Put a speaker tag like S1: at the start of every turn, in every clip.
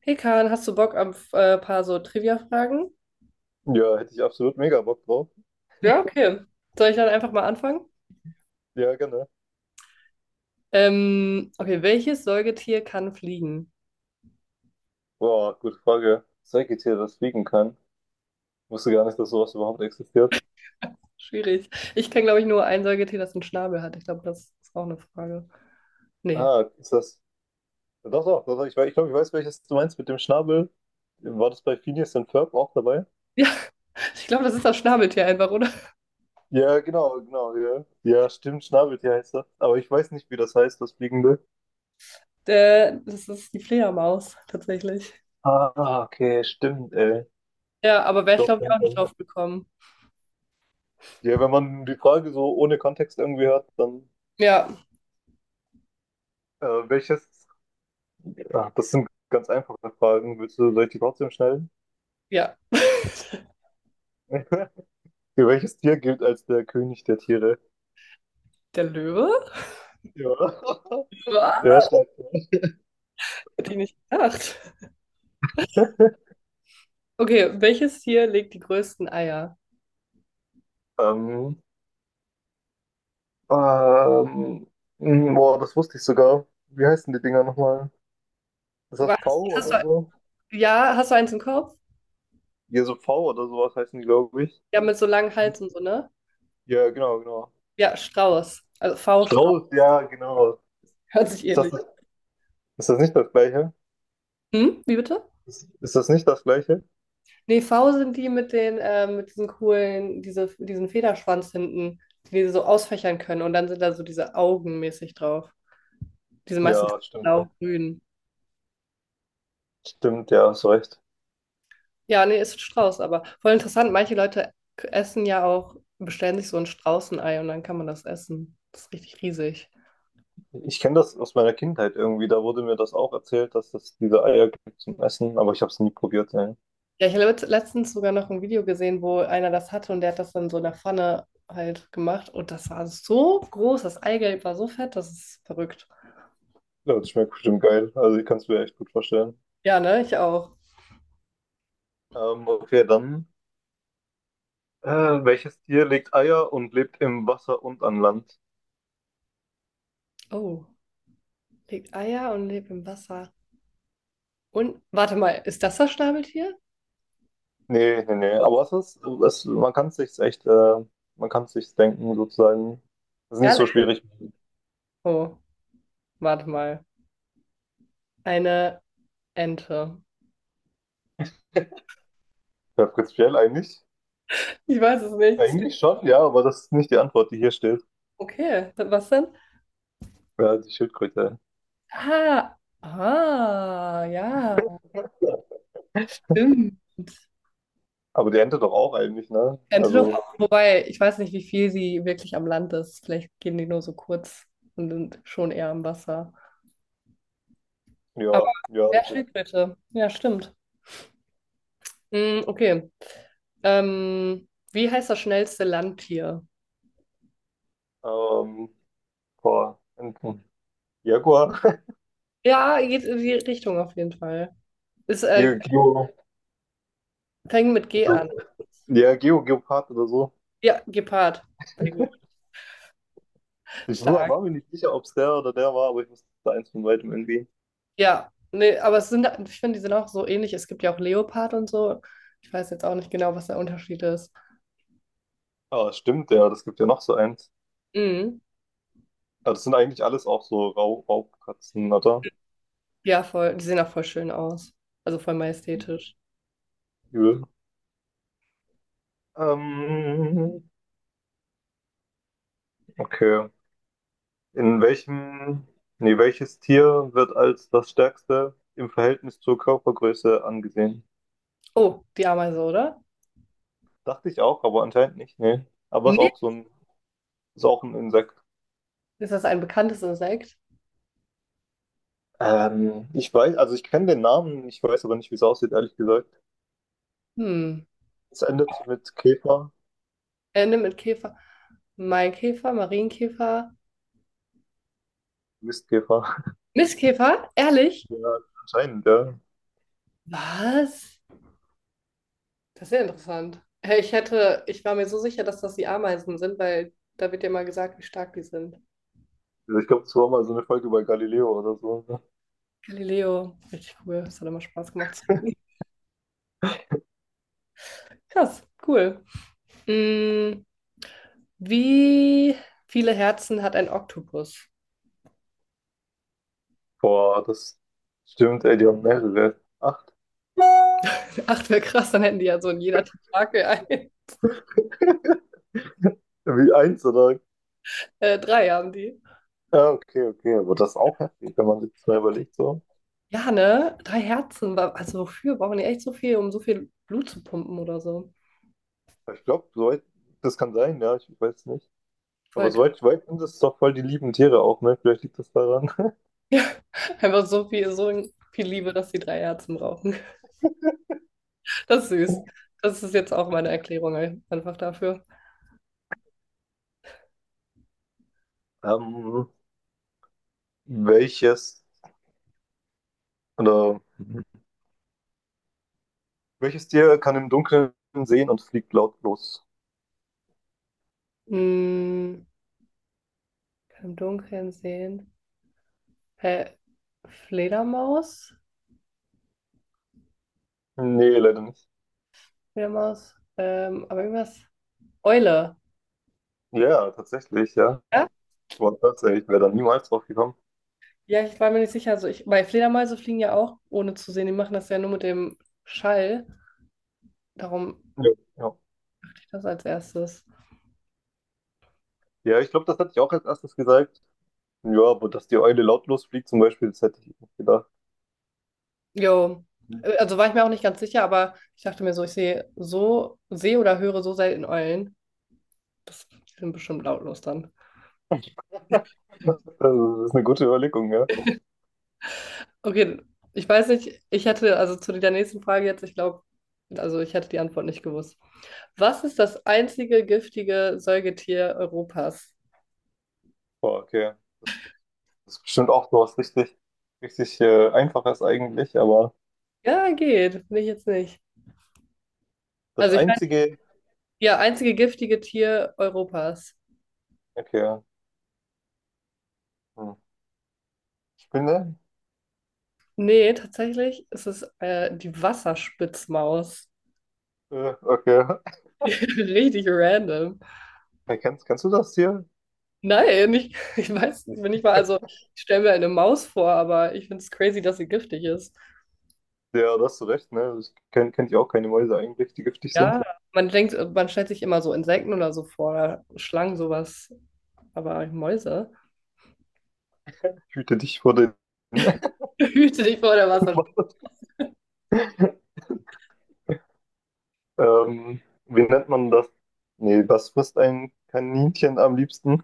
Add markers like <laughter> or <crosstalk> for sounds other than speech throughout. S1: Hey Kahn, hast du Bock auf paar so Trivia-Fragen?
S2: Ja, hätte ich absolut mega Bock drauf.
S1: Ja, okay. Soll ich dann einfach mal anfangen?
S2: Ja, gerne.
S1: Okay, welches Säugetier kann fliegen?
S2: Boah, gute Frage. Säugetier, das fliegen kann. Wusste gar nicht, dass sowas überhaupt existiert.
S1: Schwierig. Ich kenne, glaube ich, nur ein Säugetier, das einen Schnabel hat. Ich glaube, das ist auch eine Frage. Nee.
S2: Ah, ist das. Doch, doch, doch, doch. Ich glaube, ich weiß, welches du meinst mit dem Schnabel. War das bei Phineas und Ferb auch dabei?
S1: Ja, <laughs> ich glaube, das ist das Schnabeltier einfach, oder?
S2: Ja, genau, genau, ja. Ja, stimmt, Schnabeltier heißt das. Aber ich weiß nicht, wie das heißt, das Fliegende.
S1: Der, das ist die Fledermaus, tatsächlich.
S2: Ah, okay, stimmt, ey.
S1: Ja, aber
S2: Ich
S1: wäre ich,
S2: glaube,
S1: glaube
S2: ja,
S1: ich, auch nicht
S2: ja.
S1: drauf gekommen.
S2: Ja, wenn man die Frage so ohne Kontext irgendwie hört, dann
S1: Ja,
S2: welches? Ah, das sind ganz einfache Fragen. Willst du, soll ich die trotzdem schnell?
S1: ja.
S2: <laughs> Welches Tier gilt als der König der Tiere?
S1: Der Löwe?
S2: Ja. <laughs>
S1: Ja,
S2: Ja, stark.
S1: hätte ich nicht gedacht. Okay, welches Tier legt die größten Eier?
S2: Ähm, ähm, Boah, das wusste ich sogar. Wie heißen die Dinger nochmal? Ist das
S1: Was,
S2: V
S1: hast
S2: oder
S1: du,
S2: so?
S1: ja, hast du eins im Kopf?
S2: Ja, so V oder sowas heißen die, glaube ich.
S1: Ja, mit so langem Hals und so, ne?
S2: Ja, genau, genau.
S1: Ja, Strauß. Also V-Strauß.
S2: Strauß, ja, genau.
S1: <laughs> Hört sich
S2: Ist das,
S1: ähnlich.
S2: ist das nicht das Gleiche?
S1: Hm? Wie bitte?
S2: Ist das nicht das Gleiche?
S1: Nee, V sind die mit den, mit diesen coolen, diesen Federschwanz hinten, die so ausfächern können. Und dann sind da so diese Augen mäßig drauf. Die sind meistens
S2: Ja, stimmt.
S1: blau-grün.
S2: Stimmt, ja, hast recht.
S1: Ja, nee, ist ein Strauß, aber voll interessant. Manche Leute essen ja auch, bestellen sich so ein Straußenei und dann kann man das essen. Das ist richtig riesig.
S2: Ich kenne das aus meiner Kindheit irgendwie. Da wurde mir das auch erzählt, dass es diese Eier gibt zum Essen, aber ich habe es nie probiert, ey.
S1: Ja, ich habe letztens sogar noch ein Video gesehen, wo einer das hatte und der hat das dann so in der Pfanne halt gemacht. Und das war so groß, das Eigelb war so fett, das ist verrückt.
S2: Ja, das schmeckt bestimmt geil. Also ich kann es mir echt gut vorstellen.
S1: Ja, ne, ich auch.
S2: Okay, dann. Welches Tier legt Eier und lebt im Wasser und an Land?
S1: Oh, legt Eier und lebt im Wasser. Und, warte mal, ist das das Schnabeltier?
S2: Nee, nee, nee. Man kann es sich echt, man kann es sich denken, sozusagen. Das ist nicht so
S1: Ehrlich?
S2: schwierig.
S1: Oh, warte mal. Eine Ente.
S2: <laughs> Ja, prinzipiell eigentlich.
S1: Ich weiß es nicht.
S2: Eigentlich schon, ja, aber das ist nicht die Antwort, die hier steht.
S1: Okay, was denn?
S2: Ja, die Schildkröte.
S1: Ah, ah, ja, stimmt.
S2: Aber die Ente doch auch eigentlich, ne?
S1: Antelope,
S2: Also,
S1: wobei ich weiß nicht, wie viel sie wirklich am Land ist. Vielleicht gehen die nur so kurz und sind schon eher am Wasser. Aber
S2: ja, ja.
S1: ja,
S2: So.
S1: Schildkröte. Ja, stimmt. Hm, okay. Wie heißt das schnellste Landtier?
S2: Ähm, boah, Enten. Jaguar.
S1: Ja, geht in die Richtung auf jeden Fall. Es
S2: <laughs>
S1: äh,
S2: Jaguar.
S1: fängt mit G an.
S2: Ja, Geo, Geopard oder so.
S1: Ja, Gepard. Sehr gut.
S2: Ich war
S1: Stark.
S2: war mir nicht sicher, ob es der oder der war, aber ich wusste eins von weitem irgendwie.
S1: Ja, nee, aber es sind, ich finde, die sind auch so ähnlich. Es gibt ja auch Leopard und so. Ich weiß jetzt auch nicht genau, was der Unterschied ist.
S2: Ah, stimmt, ja, das gibt ja noch so eins.
S1: Mhm.
S2: Ah, das sind eigentlich alles auch so Raubkatzen, oder?
S1: Ja, voll. Die sehen auch voll schön aus. Also voll majestätisch.
S2: Übel. Ähm, okay. In welchem, nee, welches Tier wird als das stärkste im Verhältnis zur Körpergröße angesehen?
S1: Oh, die Ameise, oder?
S2: Dachte ich auch, aber anscheinend nicht, nee. Aber ist
S1: Nee.
S2: auch so ein, ist auch ein Insekt.
S1: Ist das ein bekanntes Insekt?
S2: Ich weiß, also ich kenne den Namen, ich weiß aber nicht, wie es aussieht, ehrlich gesagt.
S1: Hm.
S2: Es endet mit Käfer,
S1: Ende mit Käfer. Maikäfer, Marienkäfer.
S2: Mistkäfer. <laughs>
S1: Mistkäfer? Ehrlich?
S2: Ja, anscheinend, ja.
S1: Was? Das ist sehr interessant. Hey, ich hätte, ich war mir so sicher, dass das die Ameisen sind, weil da wird ja mal gesagt, wie stark die sind.
S2: Also ich glaube, es war mal so eine Folge bei Galileo oder so, ne?
S1: Galileo. Richtig cool. Das hat immer Spaß gemacht zu gucken. Krass, cool. Hm, wie viele Herzen hat ein Oktopus?
S2: Boah, das stimmt, ey, die haben mehrere. Acht.
S1: Ach, wäre krass, dann hätten die ja so in jeder Tentakel ein.
S2: <laughs> Wie eins oder?
S1: 3 haben die.
S2: Ja, okay, okay. Aber das ist auch heftig, wenn man sich das mal überlegt, so.
S1: Ja, ne? 3 Herzen. Also wofür brauchen die echt so viel, um so viel Blut zu pumpen oder so?
S2: Ich glaube, soweit, Das kann sein, ja, ich weiß nicht. Aber
S1: Voll krass.
S2: soweit ich
S1: <laughs>
S2: weiß, sind das doch voll die lieben Tiere auch, ne? Vielleicht liegt das daran.
S1: Ja, einfach so viel Liebe, dass die 3 Herzen brauchen. Das ist süß.
S2: <laughs>
S1: Das ist jetzt auch meine Erklärung einfach dafür.
S2: Ähm, welches, oder, Welches Tier kann im Dunkeln sehen und fliegt lautlos?
S1: Mm, kann im Dunkeln sehen. Hä? Fledermaus?
S2: Nee, leider nicht.
S1: Fledermaus? Aber irgendwas. Eule.
S2: Ja, tatsächlich, ja.
S1: Ja?
S2: Boah, tatsächlich, ich wäre da niemals drauf gekommen.
S1: Ja, ich war mir nicht sicher. Also ich, weil Fledermäuse fliegen ja auch ohne zu sehen. Die machen das ja nur mit dem Schall. Darum
S2: Ja, ja.
S1: ich das als erstes.
S2: Ja, ich glaube, das hätte ich auch als erstes gesagt. Ja, aber dass die Eule lautlos fliegt zum Beispiel, das hätte ich nicht gedacht.
S1: Jo. Also war ich mir auch nicht ganz sicher, aber ich dachte mir so, ich sehe so, sehe oder höre so selten Eulen. Das sind bestimmt lautlos dann.
S2: Also, das ist eine gute Überlegung, ja.
S1: Okay, ich weiß nicht, ich hätte also zu der nächsten Frage jetzt, ich glaube, also ich hätte die Antwort nicht gewusst. Was ist das einzige giftige Säugetier Europas?
S2: Boah, okay. Das ist bestimmt auch so was richtig, richtig Einfaches eigentlich, aber
S1: Ja, geht. Nicht jetzt nicht.
S2: das
S1: Also ich meine,
S2: einzige.
S1: ja, einzige giftige Tier Europas.
S2: Okay. Hm. Spinne?
S1: Nee, tatsächlich ist es die Wasserspitzmaus.
S2: Okay. <laughs>
S1: <laughs> Richtig random.
S2: Ja, kennst du das hier?
S1: Nein, ich weiß nicht, wenn ich mal, also ich stelle mir eine Maus vor, aber ich finde es crazy, dass sie giftig ist.
S2: Ja, da hast du recht, ne? Also, kenn ich auch keine Mäuse eigentlich, die giftig sind.
S1: Ja, man denkt, man stellt sich immer so Insekten oder so vor, Schlangen, sowas, aber Mäuse.
S2: Hüte dich vor den.
S1: <laughs> Hüte dich vor der Wasserspitzmaus.
S2: <laughs> <laughs> Wie nennt man das? Nee, was frisst ein Kaninchen am liebsten?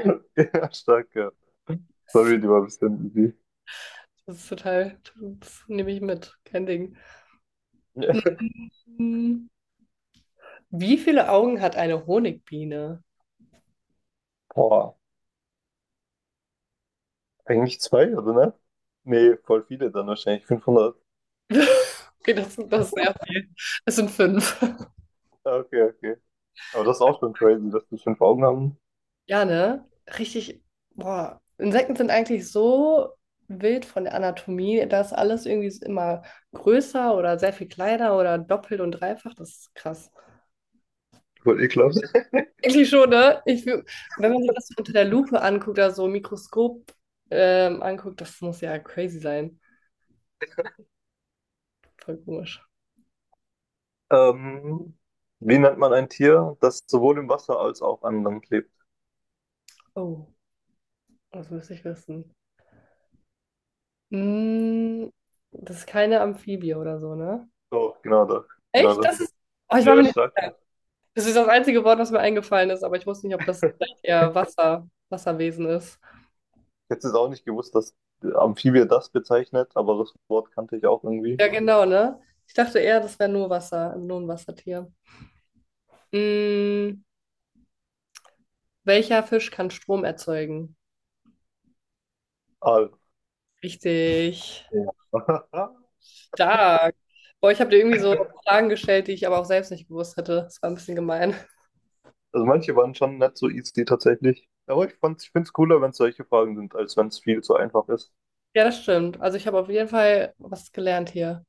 S2: <laughs> Ja, stark, ja. Sorry, die war ein bisschen easy.
S1: Das ist total, das nehme ich mit, kein Ding.
S2: <laughs> Ja.
S1: Mhm. Wie viele Augen hat eine Honigbiene?
S2: Boah, eigentlich zwei, oder ne? Nee, voll viele dann wahrscheinlich. 500.
S1: <laughs> Okay, das ist sehr viel. Es sind 5. <laughs>
S2: Ah, okay, okay. Aber das ist auch schon crazy, dass die fünf Augen haben.
S1: Ja, ne? Richtig. Boah. Insekten sind eigentlich so wild von der Anatomie, dass alles irgendwie immer größer oder sehr viel kleiner oder doppelt und dreifach. Das ist krass.
S2: Voll ekelhaft.
S1: Eigentlich schon, ne? Wenn man sich das so unter der Lupe anguckt, also so Mikroskop anguckt, das muss ja crazy sein. Voll komisch.
S2: Ähm, wie nennt man ein Tier, das sowohl im Wasser als auch an Land lebt?
S1: Oh, das müsste ich wissen. Mm, das ist keine Amphibie oder so, ne?
S2: Doch, genau das.
S1: Echt?
S2: Genau das.
S1: Das ist. Oh, ich war mir
S2: Ja,
S1: nicht
S2: stark.
S1: sicher. Das ist das einzige Wort, was mir eingefallen ist, aber ich wusste nicht, ob das vielleicht eher Wasser, Wasserwesen ist.
S2: <laughs> Jetzt ist auch nicht gewusst, dass Amphibie das bezeichnet, aber das Wort kannte ich auch irgendwie.
S1: Ja, genau, ne? Ich dachte eher, das wäre nur Wasser, nur ein Wassertier. Mm, welcher Fisch kann Strom erzeugen?
S2: Ah,
S1: Richtig.
S2: ja. <laughs>
S1: Stark. Boah, ich habe dir irgendwie so Fragen gestellt, die ich aber auch selbst nicht gewusst hätte. Das war ein bisschen gemein.
S2: Also manche waren schon nicht so easy tatsächlich. Ich finde es cooler, wenn es solche Fragen sind, als wenn es viel zu einfach ist.
S1: Ja, das stimmt. Also ich habe auf jeden Fall was gelernt hier.